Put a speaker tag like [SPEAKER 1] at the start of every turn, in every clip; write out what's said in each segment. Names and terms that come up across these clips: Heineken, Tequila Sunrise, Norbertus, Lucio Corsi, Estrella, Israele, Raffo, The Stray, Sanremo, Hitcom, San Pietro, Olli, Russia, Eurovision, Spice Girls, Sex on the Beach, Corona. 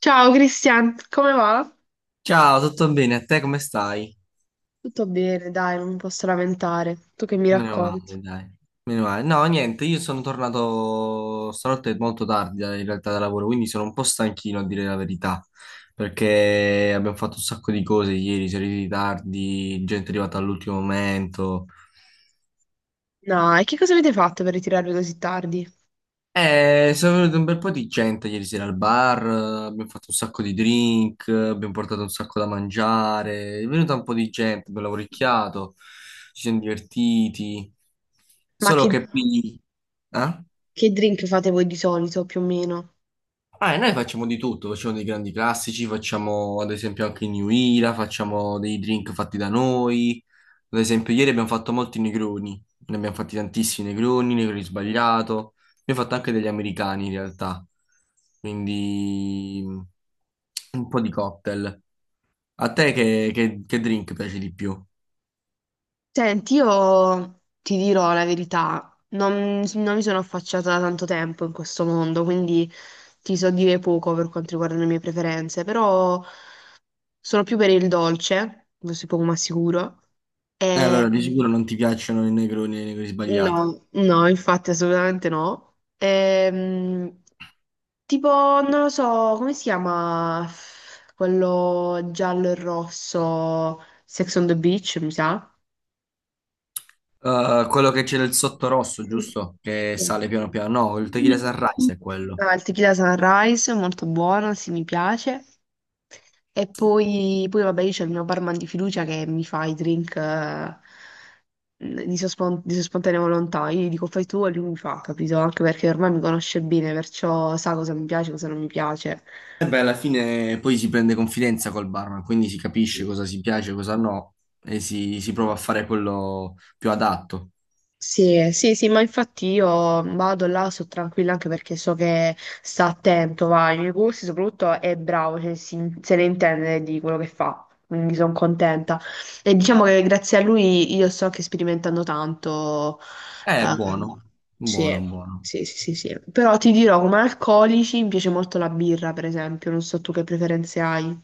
[SPEAKER 1] Ciao Cristian, come va?
[SPEAKER 2] Ciao, tutto bene? A te come stai?
[SPEAKER 1] Tutto bene, dai, non mi posso lamentare. Tu che mi
[SPEAKER 2] Meno
[SPEAKER 1] racconti?
[SPEAKER 2] male, dai. Meno male. No, niente, io sono tornato stanotte molto tardi in realtà da lavoro, quindi sono un po' stanchino a dire la verità, perché abbiamo fatto un sacco di cose ieri, siamo arrivati tardi, gente è arrivata all'ultimo momento.
[SPEAKER 1] No, e che cosa avete fatto per ritirarvi così tardi?
[SPEAKER 2] Sono venuto un bel po' di gente ieri sera al bar, abbiamo fatto un sacco di drink, abbiamo portato un sacco da mangiare, è venuta un po' di gente, abbiamo lavoricchiato, ci siamo divertiti,
[SPEAKER 1] Ma
[SPEAKER 2] solo che qui... Eh?
[SPEAKER 1] che drink fate voi di solito, più o meno?
[SPEAKER 2] Ah, e noi facciamo di tutto, facciamo dei grandi classici, facciamo ad esempio anche il New Era, facciamo dei drink fatti da noi. Ad esempio, ieri abbiamo fatto molti negroni, ne abbiamo fatti tantissimi negroni, negroni sbagliato, abbiamo fatto anche degli americani in realtà, quindi un po' di cocktail. A te che, che drink piace di più?
[SPEAKER 1] Senti, io ti dirò la verità, non mi sono affacciata da tanto tempo in questo mondo, quindi ti so dire poco per quanto riguarda le mie preferenze, però sono più per il dolce, questo è poco ma sicuro. E,
[SPEAKER 2] Allora di sicuro non ti piacciono i negroni e i negroni sbagliato.
[SPEAKER 1] no, no, infatti assolutamente no. Tipo, non lo so, come si chiama quello giallo e rosso, Sex on the Beach, mi sa?
[SPEAKER 2] Quello che c'è del sotto rosso,
[SPEAKER 1] Sì.
[SPEAKER 2] giusto? Che sale piano piano, no, il tequila
[SPEAKER 1] Mm.
[SPEAKER 2] sunrise è quello.
[SPEAKER 1] Ah, il tequila Sunrise è molto buono, sì, mi piace. E poi, poi vabbè, io c'ho il mio barman di fiducia che mi fa i drink di sua, di sua spontanea volontà. Io gli dico fai tu e lui mi fa, capito? Anche perché ormai mi conosce bene, perciò sa cosa mi piace e cosa non mi piace.
[SPEAKER 2] E beh, alla fine poi si prende confidenza col barman, quindi si capisce
[SPEAKER 1] Sì.
[SPEAKER 2] cosa si piace, cosa no, e si prova a fare quello più adatto.
[SPEAKER 1] Sì, sì, sì, ma infatti io vado là, sono tranquilla anche perché so che sta attento, va, ai miei corsi, soprattutto è bravo, cioè, se ne intende di quello che fa, quindi sono contenta. E diciamo che grazie a lui io sto anche sperimentando tanto.
[SPEAKER 2] È
[SPEAKER 1] ehm,
[SPEAKER 2] buono, buono,
[SPEAKER 1] sì,
[SPEAKER 2] buono.
[SPEAKER 1] sì, sì, sì, sì. Però ti dirò, come alcolici mi piace molto la birra, per esempio, non so tu che preferenze hai.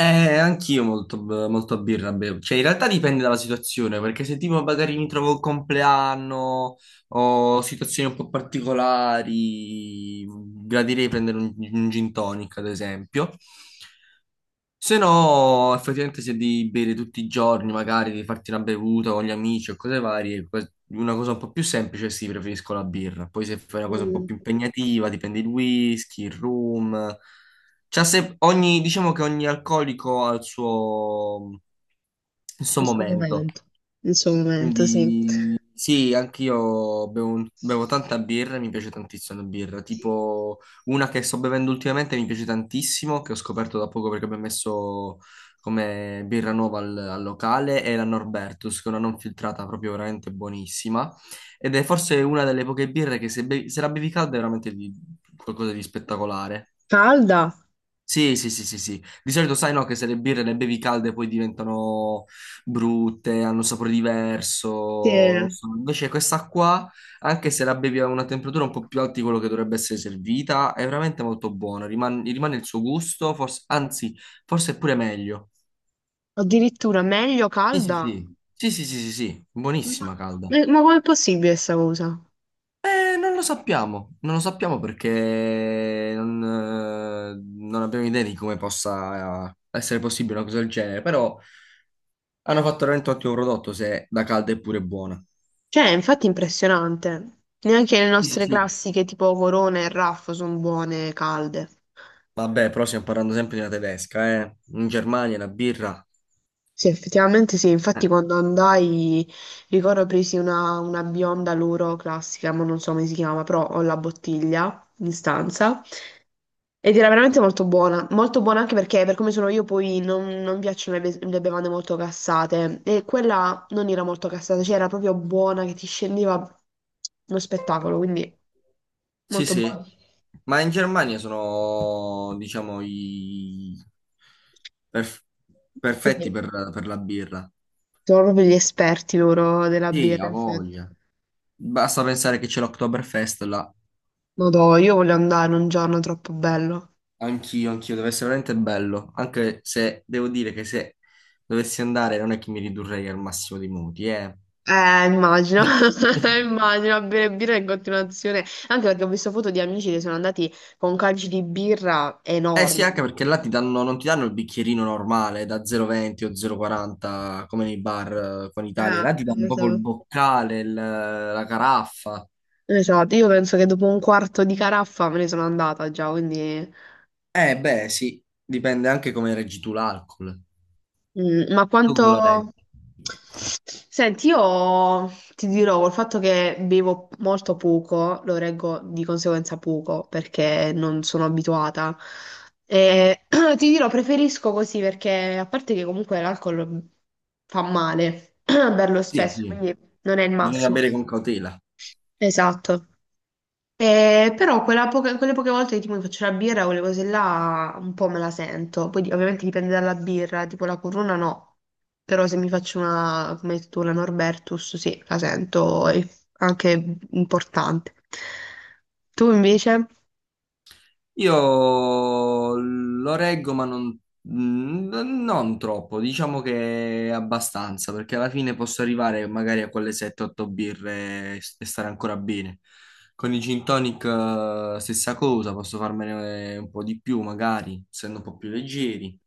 [SPEAKER 2] Eh, anch'io molto, molto birra bevo. Cioè, in realtà dipende dalla situazione, perché se tipo magari mi trovo il compleanno o situazioni un po' particolari, gradirei prendere un gin tonic, ad esempio. Se no, effettivamente se devi bere tutti i giorni, magari devi farti una bevuta con gli amici o cose varie, una cosa un po' più semplice, sì, preferisco la birra. Poi se fai una cosa un po'
[SPEAKER 1] Mm,
[SPEAKER 2] più impegnativa, ti prendi il whisky, il rum. C'ha se- ogni- Diciamo che ogni alcolico ha il suo
[SPEAKER 1] il suo
[SPEAKER 2] momento.
[SPEAKER 1] momento, il suo momento, sì.
[SPEAKER 2] Quindi sì, anch'io bevo tanta birra e mi piace tantissimo la birra. Tipo una che sto bevendo ultimamente mi piace tantissimo, che ho scoperto da poco perché abbiamo messo come birra nuova al locale, è la Norbertus, che è una non filtrata proprio veramente buonissima. Ed è forse una delle poche birre che se, se la bevi calda è veramente qualcosa di spettacolare.
[SPEAKER 1] Calda?
[SPEAKER 2] Sì, sì, sì, sì, sì. Di solito sai no che se le birre le bevi calde poi diventano brutte, hanno un sapore
[SPEAKER 1] Sì.
[SPEAKER 2] diverso, non so. Invece questa qua, anche se la bevi a una temperatura un po' più alta di quello che dovrebbe essere servita, è veramente molto buona, rimane il suo gusto, forse- anzi, forse è pure meglio.
[SPEAKER 1] Addirittura meglio
[SPEAKER 2] Sì, sì,
[SPEAKER 1] calda?
[SPEAKER 2] sì. Sì, sì, sì, sì, sì,
[SPEAKER 1] Ma,
[SPEAKER 2] buonissima calda.
[SPEAKER 1] ma com'è possibile questa cosa?
[SPEAKER 2] Non lo sappiamo perché non, non abbiamo idea di come possa essere possibile una cosa del genere, però... Hanno fatto veramente un ottimo prodotto se da calda è pure buona.
[SPEAKER 1] Cioè, infatti è infatti impressionante. Neanche le
[SPEAKER 2] Sì, sì,
[SPEAKER 1] nostre
[SPEAKER 2] sì.
[SPEAKER 1] classiche tipo Corona e Raffo sono buone calde.
[SPEAKER 2] Vabbè, però stiamo parlando sempre di una tedesca, eh. In Germania la birra.
[SPEAKER 1] Sì, effettivamente sì. Infatti
[SPEAKER 2] Eh.
[SPEAKER 1] quando andai, ricordo presi una bionda loro classica, ma non so come si chiama, però ho la bottiglia in stanza. Ed era veramente molto buona, molto buona, anche perché per come sono io poi non, non mi piacciono le, le bevande molto cassate e quella non era molto cassata, cioè era proprio buona che ti scendeva uno spettacolo, quindi
[SPEAKER 2] Sì,
[SPEAKER 1] molto
[SPEAKER 2] sì.
[SPEAKER 1] buona.
[SPEAKER 2] Ma in Germania sono, diciamo, i perf- perfetti
[SPEAKER 1] Quindi
[SPEAKER 2] per la birra.
[SPEAKER 1] sono proprio gli esperti loro della
[SPEAKER 2] Sì,
[SPEAKER 1] birra,
[SPEAKER 2] ha
[SPEAKER 1] infatti.
[SPEAKER 2] voglia. Basta pensare che c'è l'Oktoberfest là.
[SPEAKER 1] Madò, io voglio andare un giorno, troppo bello.
[SPEAKER 2] Anch'io, anch'io, deve essere veramente bello. Anche se devo dire che se dovessi andare non è che mi ridurrei al massimo dei modi, eh.
[SPEAKER 1] Immagino, immagino a bere birra in continuazione, anche perché ho visto foto di amici che sono andati con calci di birra
[SPEAKER 2] Eh sì, anche
[SPEAKER 1] enormi.
[SPEAKER 2] perché là ti danno, non ti danno il bicchierino normale da 0,20 o 0,40 come nei bar qua in Italia,
[SPEAKER 1] Eh,
[SPEAKER 2] là ti danno proprio il boccale, la caraffa.
[SPEAKER 1] Esatto, io penso che dopo un quarto di caraffa me ne sono andata già, quindi...
[SPEAKER 2] Eh beh sì, dipende anche come reggi tu l'alcol.
[SPEAKER 1] Mm, ma
[SPEAKER 2] Tu come lo
[SPEAKER 1] quanto...
[SPEAKER 2] reggi?
[SPEAKER 1] Senti, io ti dirò, col fatto che bevo molto poco, lo reggo di conseguenza poco, perché non sono abituata. E ti dirò, preferisco così, perché a parte che comunque l'alcol fa male, berlo
[SPEAKER 2] Sì,
[SPEAKER 1] spesso,
[SPEAKER 2] sì,
[SPEAKER 1] quindi non è il
[SPEAKER 2] bisogna
[SPEAKER 1] massimo.
[SPEAKER 2] bere con cautela.
[SPEAKER 1] Esatto. Però quelle poche volte che tipo mi faccio la birra, quelle cose là un po' me la sento. Poi ovviamente dipende dalla birra, tipo la Corona no. Però se mi faccio una, come hai detto tu, la Norbertus, sì, la sento, è anche importante. Tu invece?
[SPEAKER 2] Io lo reggo, ma n- non troppo, diciamo che abbastanza, perché alla fine posso arrivare magari a quelle 7-8 birre e stare ancora bene. Con i gin tonic, stessa cosa, posso farmene un po' di più, magari, essendo un po' più leggeri.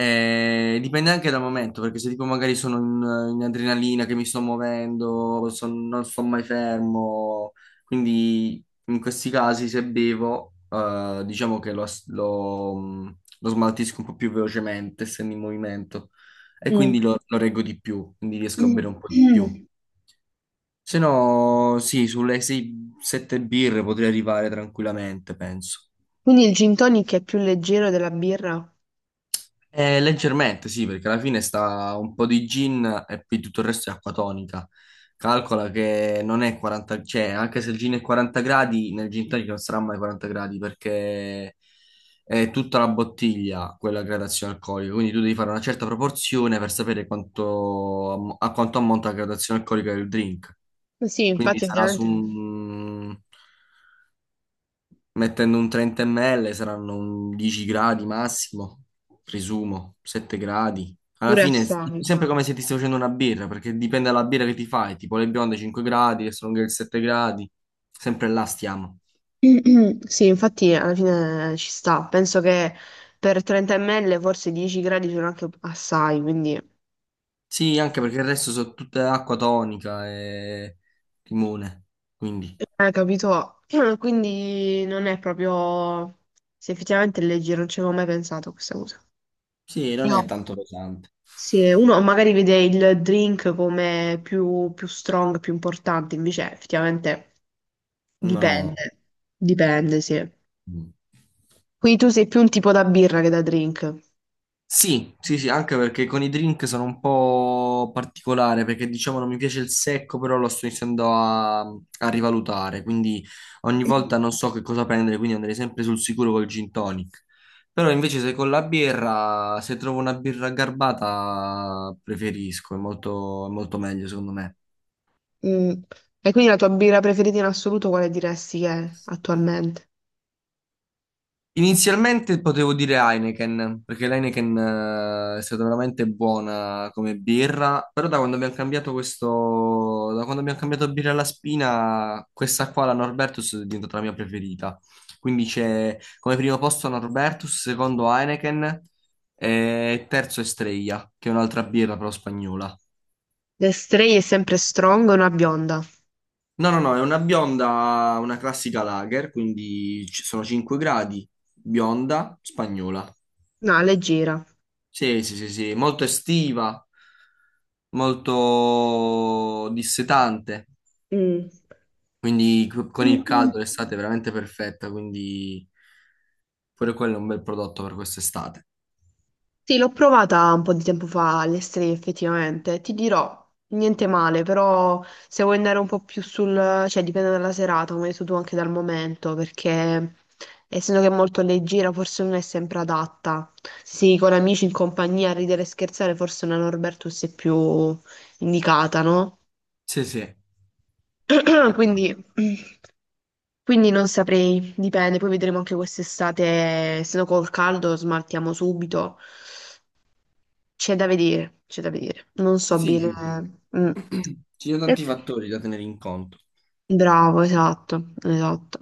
[SPEAKER 2] Dipende anche dal momento, perché se tipo magari sono in adrenalina, che mi sto muovendo, non sto mai fermo, quindi in questi casi se bevo, diciamo che lo smaltisco un po' più velocemente, essendo in movimento, e quindi
[SPEAKER 1] Mm.
[SPEAKER 2] lo reggo di più, quindi riesco a bere un po' di più. Se no, sì, sulle 6-7 birre potrei arrivare tranquillamente, penso.
[SPEAKER 1] Quindi il gin tonic è più leggero della birra?
[SPEAKER 2] Leggermente, sì, perché alla fine sta un po' di gin e poi tutto il resto è acqua tonica. Calcola che non è 40, cioè anche se il gin è 40 gradi, nel gin tonic non sarà mai 40 gradi perché è tutta la bottiglia quella gradazione alcolica, quindi tu devi fare una certa proporzione per sapere quanto, a quanto ammonta la gradazione alcolica del drink.
[SPEAKER 1] Eh, sì,
[SPEAKER 2] Quindi
[SPEAKER 1] infatti
[SPEAKER 2] sarà su
[SPEAKER 1] ovviamente
[SPEAKER 2] un Mettendo un 30 ml saranno un 10 gradi massimo, presumo, 7 gradi. Alla
[SPEAKER 1] pure
[SPEAKER 2] fine è
[SPEAKER 1] assai.
[SPEAKER 2] sempre come se ti stai facendo una birra, perché dipende dalla birra che ti fai, tipo le bionde 5 gradi, le stronger 7 gradi, sempre là stiamo.
[SPEAKER 1] Sì, infatti alla fine ci sta. Penso che per 30 ml forse 10 gradi sono anche assai, quindi
[SPEAKER 2] Sì, anche perché il resto sono tutte acqua tonica e limone, quindi
[SPEAKER 1] capito? Quindi non è proprio... Se effettivamente è leggero, non ci avevo mai pensato a questa cosa.
[SPEAKER 2] sì, non
[SPEAKER 1] Io-
[SPEAKER 2] è tanto pesante.
[SPEAKER 1] sì, uno magari vede il drink come più, più strong, più importante, invece effettivamente
[SPEAKER 2] No.
[SPEAKER 1] dipende. Dipende, sì.
[SPEAKER 2] Mm.
[SPEAKER 1] Quindi tu sei più un tipo da birra che da drink.
[SPEAKER 2] Sì, sì, sì, anche perché con i drink sono un po' particolare, perché diciamo non mi piace il secco, però lo sto iniziando a rivalutare, quindi ogni volta non so che cosa prendere, quindi andrei sempre sul sicuro col gin tonic. Però invece se con la birra, se trovo una birra garbata, preferisco, è molto meglio secondo me.
[SPEAKER 1] Mm. E quindi la tua birra preferita in assoluto quale diresti che è attualmente?
[SPEAKER 2] Inizialmente potevo dire Heineken, perché l'Heineken è stata veramente buona come birra, però da quando abbiamo cambiato questo, da quando abbiamo cambiato birra alla spina, questa qua, la Norbertus, è diventata la mia preferita. Quindi c'è come primo posto Norbertus, secondo Heineken e terzo Estrella, che è un'altra birra però spagnola.
[SPEAKER 1] The Stray è sempre strong, una bionda.
[SPEAKER 2] No, no, no, è una bionda, una classica lager, quindi ci sono 5 gradi, bionda, spagnola.
[SPEAKER 1] No, leggera.
[SPEAKER 2] Sì, sì, sì, sì, molto estiva, molto dissetante,
[SPEAKER 1] Mm.
[SPEAKER 2] quindi con
[SPEAKER 1] Mm,
[SPEAKER 2] il
[SPEAKER 1] mm.
[SPEAKER 2] caldo l'estate è veramente perfetta, quindi pure quello è un bel prodotto per quest'estate.
[SPEAKER 1] Sì, l'ho provata un po' di tempo fa alle Stray effettivamente. Ti dirò, niente male, però se vuoi andare un po' più sul... cioè dipende dalla serata, come hai detto tu anche dal momento, perché essendo che è molto leggera forse non è sempre adatta. Sì, con amici in compagnia a ridere e scherzare forse una Norbertus è più indicata, no?
[SPEAKER 2] Sì, sì. Esatto.
[SPEAKER 1] Quindi, quindi non saprei, dipende, poi vedremo anche quest'estate, se no col caldo smaltiamo subito. C'è da vedere, c'è da vedere. Non so
[SPEAKER 2] Sì,
[SPEAKER 1] bene.
[SPEAKER 2] sì, sì.
[SPEAKER 1] Mm.
[SPEAKER 2] Ci sono
[SPEAKER 1] E-
[SPEAKER 2] tanti fattori da tenere in conto.
[SPEAKER 1] bravo, esatto, esatto.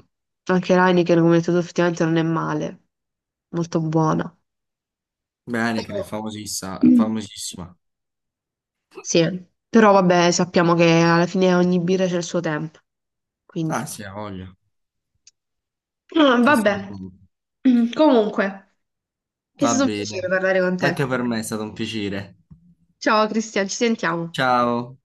[SPEAKER 1] Anche l'Heineken, come hai detto tu, effettivamente non è male, molto buona.
[SPEAKER 2] Bene, che ne è
[SPEAKER 1] Però-
[SPEAKER 2] famosissima,
[SPEAKER 1] mm.
[SPEAKER 2] famosissima.
[SPEAKER 1] Sì, però vabbè, sappiamo che alla fine ogni birra c'è il suo tempo, quindi.
[SPEAKER 2] Ah, sì, ha voglia.
[SPEAKER 1] Ah, vabbè,
[SPEAKER 2] Assolutamente.
[SPEAKER 1] comunque. È
[SPEAKER 2] Va
[SPEAKER 1] stato un piacere
[SPEAKER 2] bene.
[SPEAKER 1] parlare con
[SPEAKER 2] Anche
[SPEAKER 1] te.
[SPEAKER 2] per me è stato un piacere.
[SPEAKER 1] Ciao Cristian, ci sentiamo.
[SPEAKER 2] Ciao.